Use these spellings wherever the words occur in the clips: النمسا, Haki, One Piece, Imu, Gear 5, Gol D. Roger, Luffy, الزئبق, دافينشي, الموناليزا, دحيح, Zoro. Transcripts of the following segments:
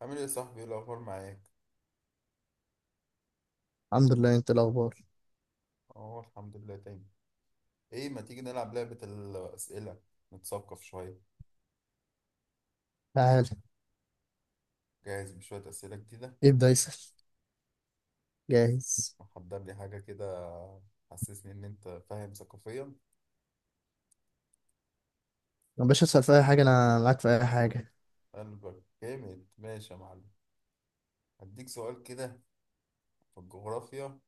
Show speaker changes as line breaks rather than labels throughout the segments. عامل ايه يا صاحبي؟ ايه الاخبار معاك؟
الحمد لله، انت الاخبار؟
اه، الحمد لله تاني. ايه، ما تيجي نلعب لعبة الاسئلة؟ نتثقف شوية.
تعال.
جاهز بشوية اسئلة جديدة.
ابدا اسال. جاهز.
محضر لي حاجة كده؟ حسسني ان انت فاهم ثقافيا.
يا باشا اسال في اي حاجه، انا معاك في اي حاجه.
قلبك جامد، ماشي يا معلم. هديك سؤال كده في الجغرافيا.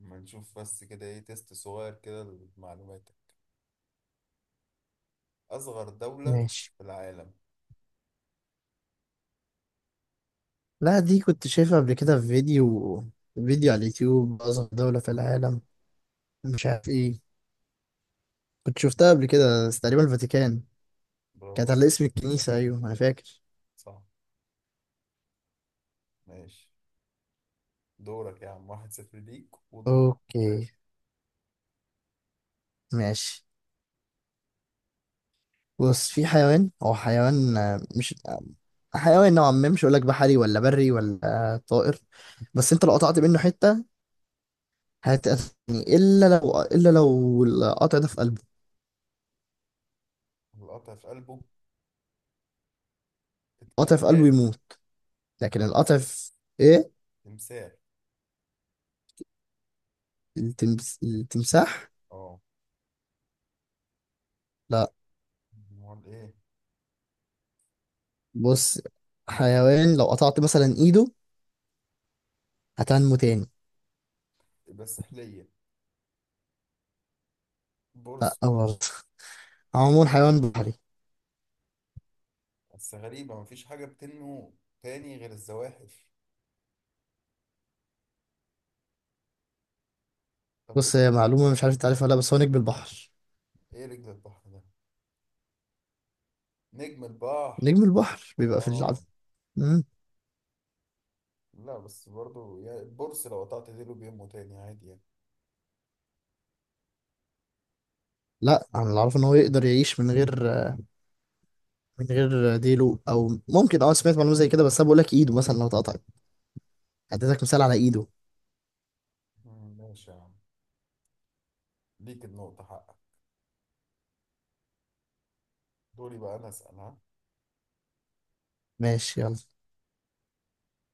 اما نشوف بس كده، ايه، تيست صغير كده لمعلوماتك. اصغر دولة
ماشي.
في العالم.
لا، دي كنت شايفها قبل كده في فيديو على اليوتيوب. اصغر دوله في العالم، مش عارف ايه. كنت شفتها قبل كده، بس تقريبا الفاتيكان.
برافو
كانت
عليك.
على اسم الكنيسه، ايوه انا فاكر.
صح. ماشي. دورك يا عم، واحد صفر ليك ودورك.
اوكي ماشي. بص، في حيوان، هو حيوان مش حيوان نوعا ما، مش هقول لك بحري ولا بري ولا طائر. بس انت لو قطعت منه حته هتقتلني، الا لو القطع ده في قلبه.
القطع في قلبه؟
القطع في قلبه
تكتب.
يموت، لكن القطع في ايه.
تمثال.
التمساح.
اه.
لا.
امال ايه؟
بص، حيوان لو قطعت مثلا ايده هتنمو تاني.
بس سحلية؟
لا،
برص؟
أو عموما حيوان بحري.
بس غريبة، مفيش حاجة بتنمو تاني غير الزواحف. طب ايه
بص، هي
الصح-
معلومة مش عارف انت عارفها ولا لا، بس هو نجم البحر.
ايه، رجل البحر ده، نجم البحر.
نجم البحر بيبقى في العب.
اه.
مم.
لا بس برضو يعني البرص لو قطعت ديله بينمو تاني عادي يعني.
لا، انا اللي اعرفه ان هو يقدر يعيش من غير، من غير ديله، او ممكن اه سمعت معلومة زي كده، بس انا بقول لك ايده مثلا لو اتقطعت. اديتك مثال على ايده.
ماشي يا عم، ليك النقطة حقك. دوري بقى انا اسأل، ها.
ماشي يلا.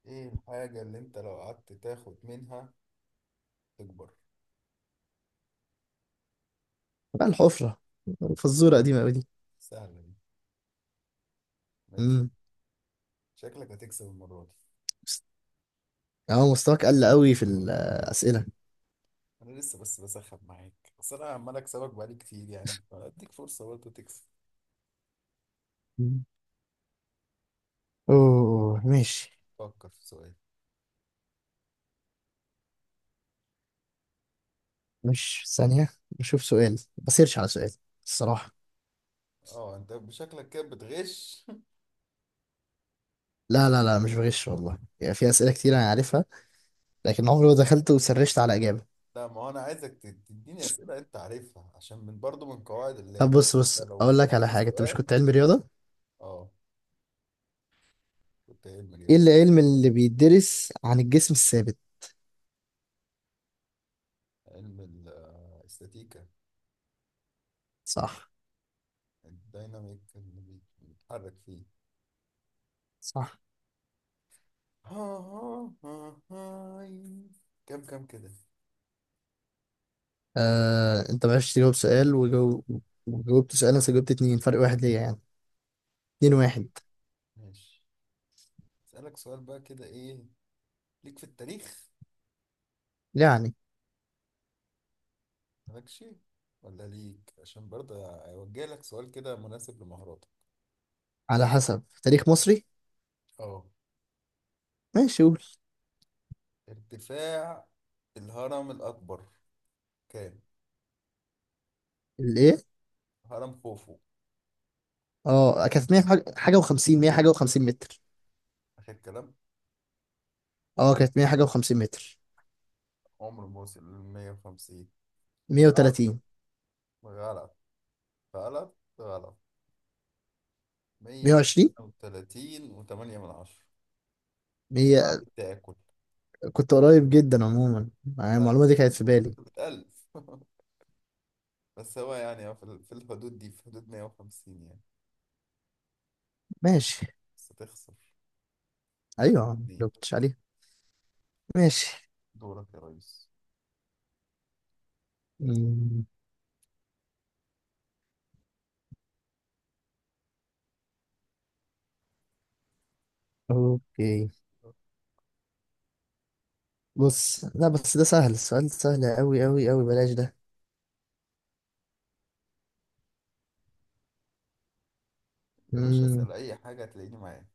ايه الحاجة اللي انت لو قعدت تاخد منها تكبر؟
بقى الحفرة، فزورة قديمة أوي دي.
سهلة دي. ماشي.
مم.
شكلك هتكسب المرة دي.
اه مستواك قل أوي في الأسئلة.
انا لسه بس بسخن معاك، بس انا عمال اكسبك بقالي كتير يعني، اديك فرصه برضه تكسب.
مم. أوه ماشي.
فكر في سؤال.
مش ثانية، نشوف سؤال بسيرش على سؤال الصراحة.
اه، انت بشكلك كده بتغش.
لا لا لا، مش بغش والله، يعني في أسئلة كتير أنا عارفها، لكن عمري ما دخلت وسرشت على إجابة.
لا، ما هو انا عايزك تديني اسئله انت عارفها، عشان من برضه من قواعد
طب
اللعب.
بص،
انت لو مش
أقول لك على
عارف
حاجة، أنت مش
السؤال.
كنت علمي رياضة؟
اه، كنت علم
إيه
رياضه.
العلم اللي بيدرس عن الجسم الثابت؟
علم ال- آه، الاستاتيكا.
صح.
الديناميك اللي بيتحرك فيه.
صح.
ها ها ها هاي. كم كده.
أنت ما عرفتش تجاوب سؤال، وجاوبت سؤال، أنا جاوبت اتنين، فرق واحد ليا يعني. اتنين واحد.
ماشي. اسالك سؤال بقى كده، ايه ليك في التاريخ؟
يعني
مالكش ولا ليك؟ عشان برضه اوجه لك سؤال كده مناسب لمهاراتك.
على حسب تاريخ مصري.
اه،
ماشي قول.
ارتفاع الهرم الاكبر كام؟
الايه؟
هرم خوفو.
اه كانت 100
يعني.
حاجة و50، 100 حاجه و50 متر.
اخر كلام.
اه كانت 100 حاجه و50 متر.
عمره ما وصل ل 150 غلط
130.
غلط غلط غلط.
120.
132 و8 من عشرة. ده بعد
100.
التاكل.
كنت قريب جدا عموما، يعني
لا.
المعلومه دي كانت في بالي.
بتألف. بس هو يعني هو في في الحدود دي، في حدود 150 يعني.
ماشي.
بس تخسر
ايوه يا عم،
اتنين.
لو كنتش عليها. ماشي.
دورك يا ريس.
مم، اوكي. بص، لا بس ده سهل، السؤال سهل قوي قوي، بلاش ده.
يا باشا،
مم.
اسأل أي حاجة هتلاقيني معاك،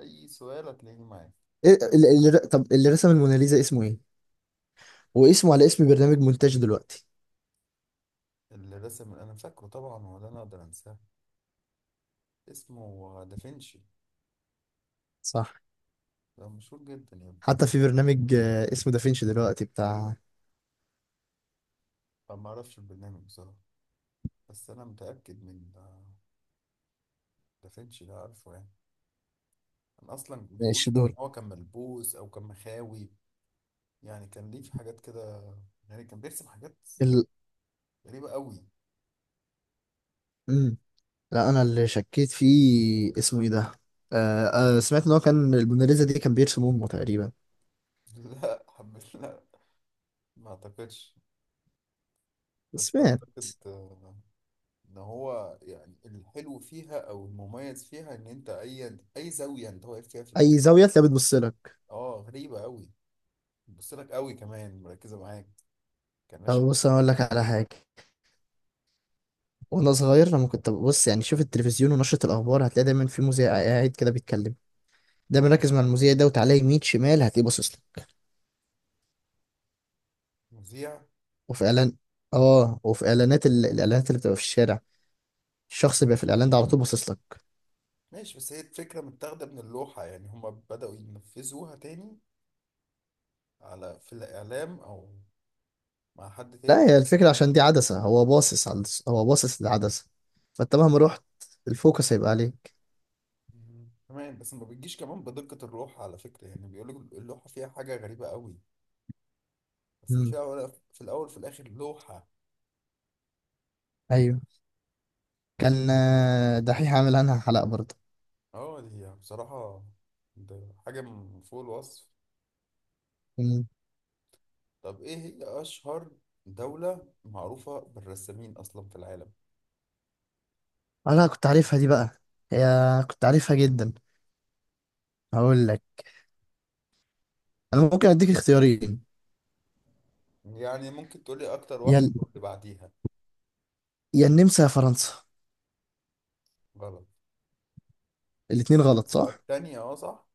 أي سؤال هتلاقيني معاك.
طب اللي رسم الموناليزا اسمه ايه؟ واسمه على اسم برنامج مونتاج دلوقتي.
اللي رسم أنا فاكره طبعا، ولا أنا أقدر أنساه؟ اسمه دافنشي.
صح.
ده مشهور جدا يا ابني.
حتى في برنامج اسمه دافينشي دلوقتي بتاع
أنا ما أعرفش البرنامج بصراحة، بس أنا متأكد من دافنشي ده عارفه يعني. أنا أصلا بيقولوا كان
الشدور.
هو كان ملبوس أو كان مخاوي، يعني كان ليه في حاجات كده، يعني كان بيرسم حاجات
ال...
غريبة قوي.
مم. لا، انا اللي شكيت فيه اسمه ايه ده. آه آه، سمعت ان هو كان الموناليزا دي كان بيرسم امه تقريبا.
لا حب، لا، ما أعتقدش. بس
سمعت.
أعتقد ان هو يعني الحلو فيها او المميز فيها ان انت اي زاويه انت واقف فيها في
اي
الاوضه.
زاويه تلاقيها بتبص لك.
اه غريبه قوي. بتبص لك قوي، كمان مركزه معاك. كان
طب
ماشي.
بص، انا اقول لك على حاجه. وانا صغير لما كنت ببص يعني شوف التلفزيون ونشره الاخبار، هتلاقي دايما في مذيع قاعد كده بيتكلم، دايما ركز مع المذيع ده وتعالى يمين شمال هتلاقيه باصص لك.
مذيع.
وفي اعلان، اه وفي اعلانات الاعلانات اللي بتبقى في الشارع، الشخص اللي بيبقى في الاعلان ده على طول باصص لك.
ماشي، بس هي الفكره متاخده من اللوحه يعني، هما بداوا ينفذوها تاني، على في الاعلام او مع حد
لا،
تاني.
هي الفكرة عشان دي عدسة، هو باصص للعدسة، فانت مهما رحت الفوكس هيبقى عليك.
مم. كمان بس ما بتجيش كمان بدقه اللوحه على فكره، يعني بيقولوا اللوحه فيها حاجه غريبه قوي. بس دي في
امم،
الاول، في الاول، في الاخر لوحه.
ايوه. كان دحيح عامل عنها حلقة برضه.
اه دي هي بصراحة، ده حاجة من فوق الوصف.
امم.
طب ايه هي أشهر دولة معروفة بالرسامين أصلا في العالم؟
انا كنت عارفها دي بقى. هي كنت عارفها جدا. هقول لك، انا ممكن اديك اختيارين.
يعني ممكن تقولي أكتر
يا
واحدة
ال-
واللي بعديها.
يا النمسا يا فرنسا.
غلط. يبقى
الاتنين غلط،
فرنسا
صح؟
التانية، اه صح،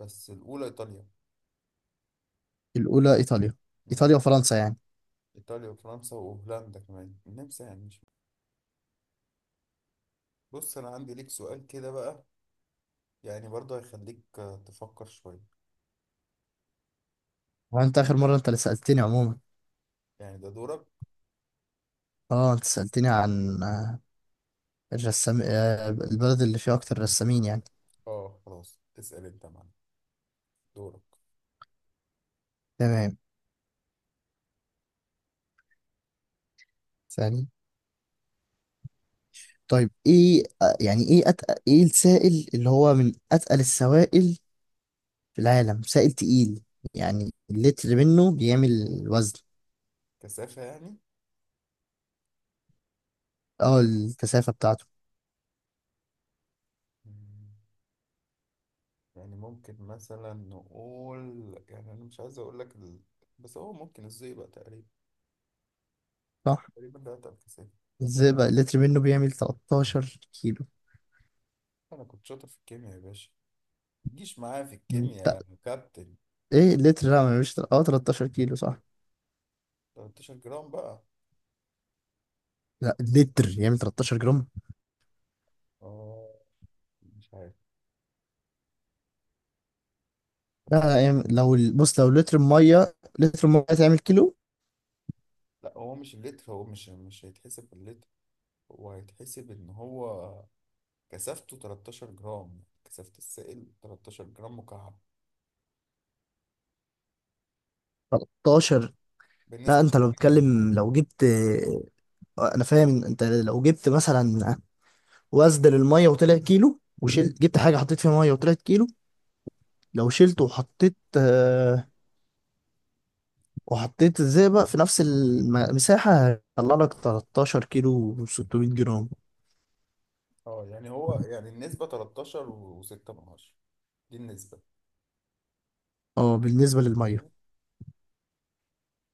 بس الأولى إيطاليا.
الاولى ايطاليا.
مم.
ايطاليا وفرنسا يعني.
إيطاليا وفرنسا وهولندا، كمان النمسا يعني، مش بص، أنا عندي ليك سؤال كده بقى، يعني برضه هيخليك تفكر شوية.
وانت اخر مره انت اللي سالتني عموما.
يعني ده دورك.
اه انت سالتني عن الرسام، البلد اللي فيها اكتر رسامين يعني.
اه خلاص، اسأل انت يا معلم، دورك.
تمام. ثاني. طيب ايه يعني ايه أتقل، ايه السائل اللي هو من اتقل السوائل في العالم، سائل تقيل يعني اللتر منه بيعمل وزن.
كثافة يعني.
اه الكثافة بتاعته.
مم. يعني ممكن مثلا نقول، يعني انا مش عايز اقول لك ال... بس هو ممكن الزئبق تقريبا.
صح.
تقريبا ده اتقل كسافة.
ازاي بقى اللتر منه بيعمل 13 كيلو.
انا كنت شاطر في الكيمياء يا باشا، متجيش معايا في الكيمياء
لا
يا كابتن.
ايه اللتر، لا ما بيعملش اه 13 كيلو صح.
13 جرام بقى.
لا اللتر يعمل 13 جرام.
اه مش عارف،
لا
بس
لا
هو...
يعمل، لو بص، لو لتر ميه، لتر ميه تعمل كيلو.
لا هو مش اللتر، هو مش هيتحسب باللتر. هو هيتحسب ان هو كثافته 13 جرام، كثافة السائل 13 جرام مكعب
13. لا،
بالنسبة
انت لو
للمية يعني.
بتتكلم لو جبت انا فاهم، انت لو جبت مثلا واسدل الميه وطلع كيلو وشيل، جبت حاجه حطيت فيها ميه وطلعت كيلو، لو شلته وحطيت آه وحطيت الزئبق في نفس المساحه هيطلع لك 13 كيلو و600 جرام.
اه يعني هو يعني النسبة 13 و6 من عشرة، دي النسبة.
اه بالنسبه للميه.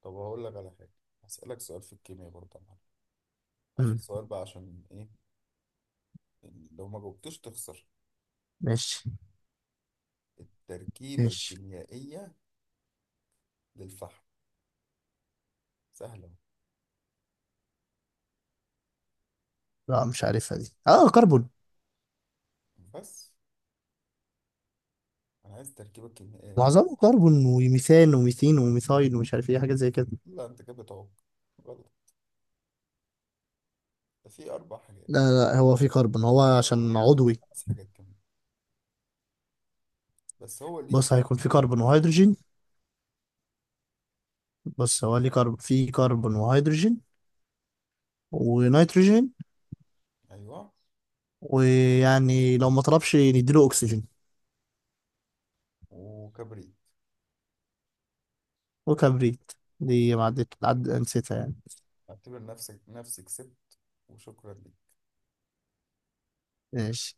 طب هقول لك على حاجة، هسألك سؤال في الكيمياء برضه يا معلم، آخر
مم.
سؤال بقى، عشان إيه؟ لو ما جاوبتوش تخسر.
ماشي.
التركيبة
ماشي.
الكيميائية للفحم. سهلة أهو.
لا مش عارفها دي، اه كربون.
بس أنا عايز التركيبة الكيميائية.
معظمه كربون وميثان وميثين وميثايل ومش عارف ايه حاجات زي كده.
دي لا، أنت كده بتعوق. غلط. ده في أربع حاجات،
لا لا، هو في كربون هو عشان عضوي.
خمس حاجات كمان. بس هو ليه
بص، هيكون
ليه
في كربون
تركيبة كده؟
وهيدروجين. بص هو ليه في كربون وهيدروجين ونيتروجين،
أيوه.
ويعني لو ما طلبش نديله اكسجين.
وكبريت.
وكبريت. دي ما نسيتها يعني.
اعتبر نفسك، نفسي كسبت. وشكرا لك.
ماشي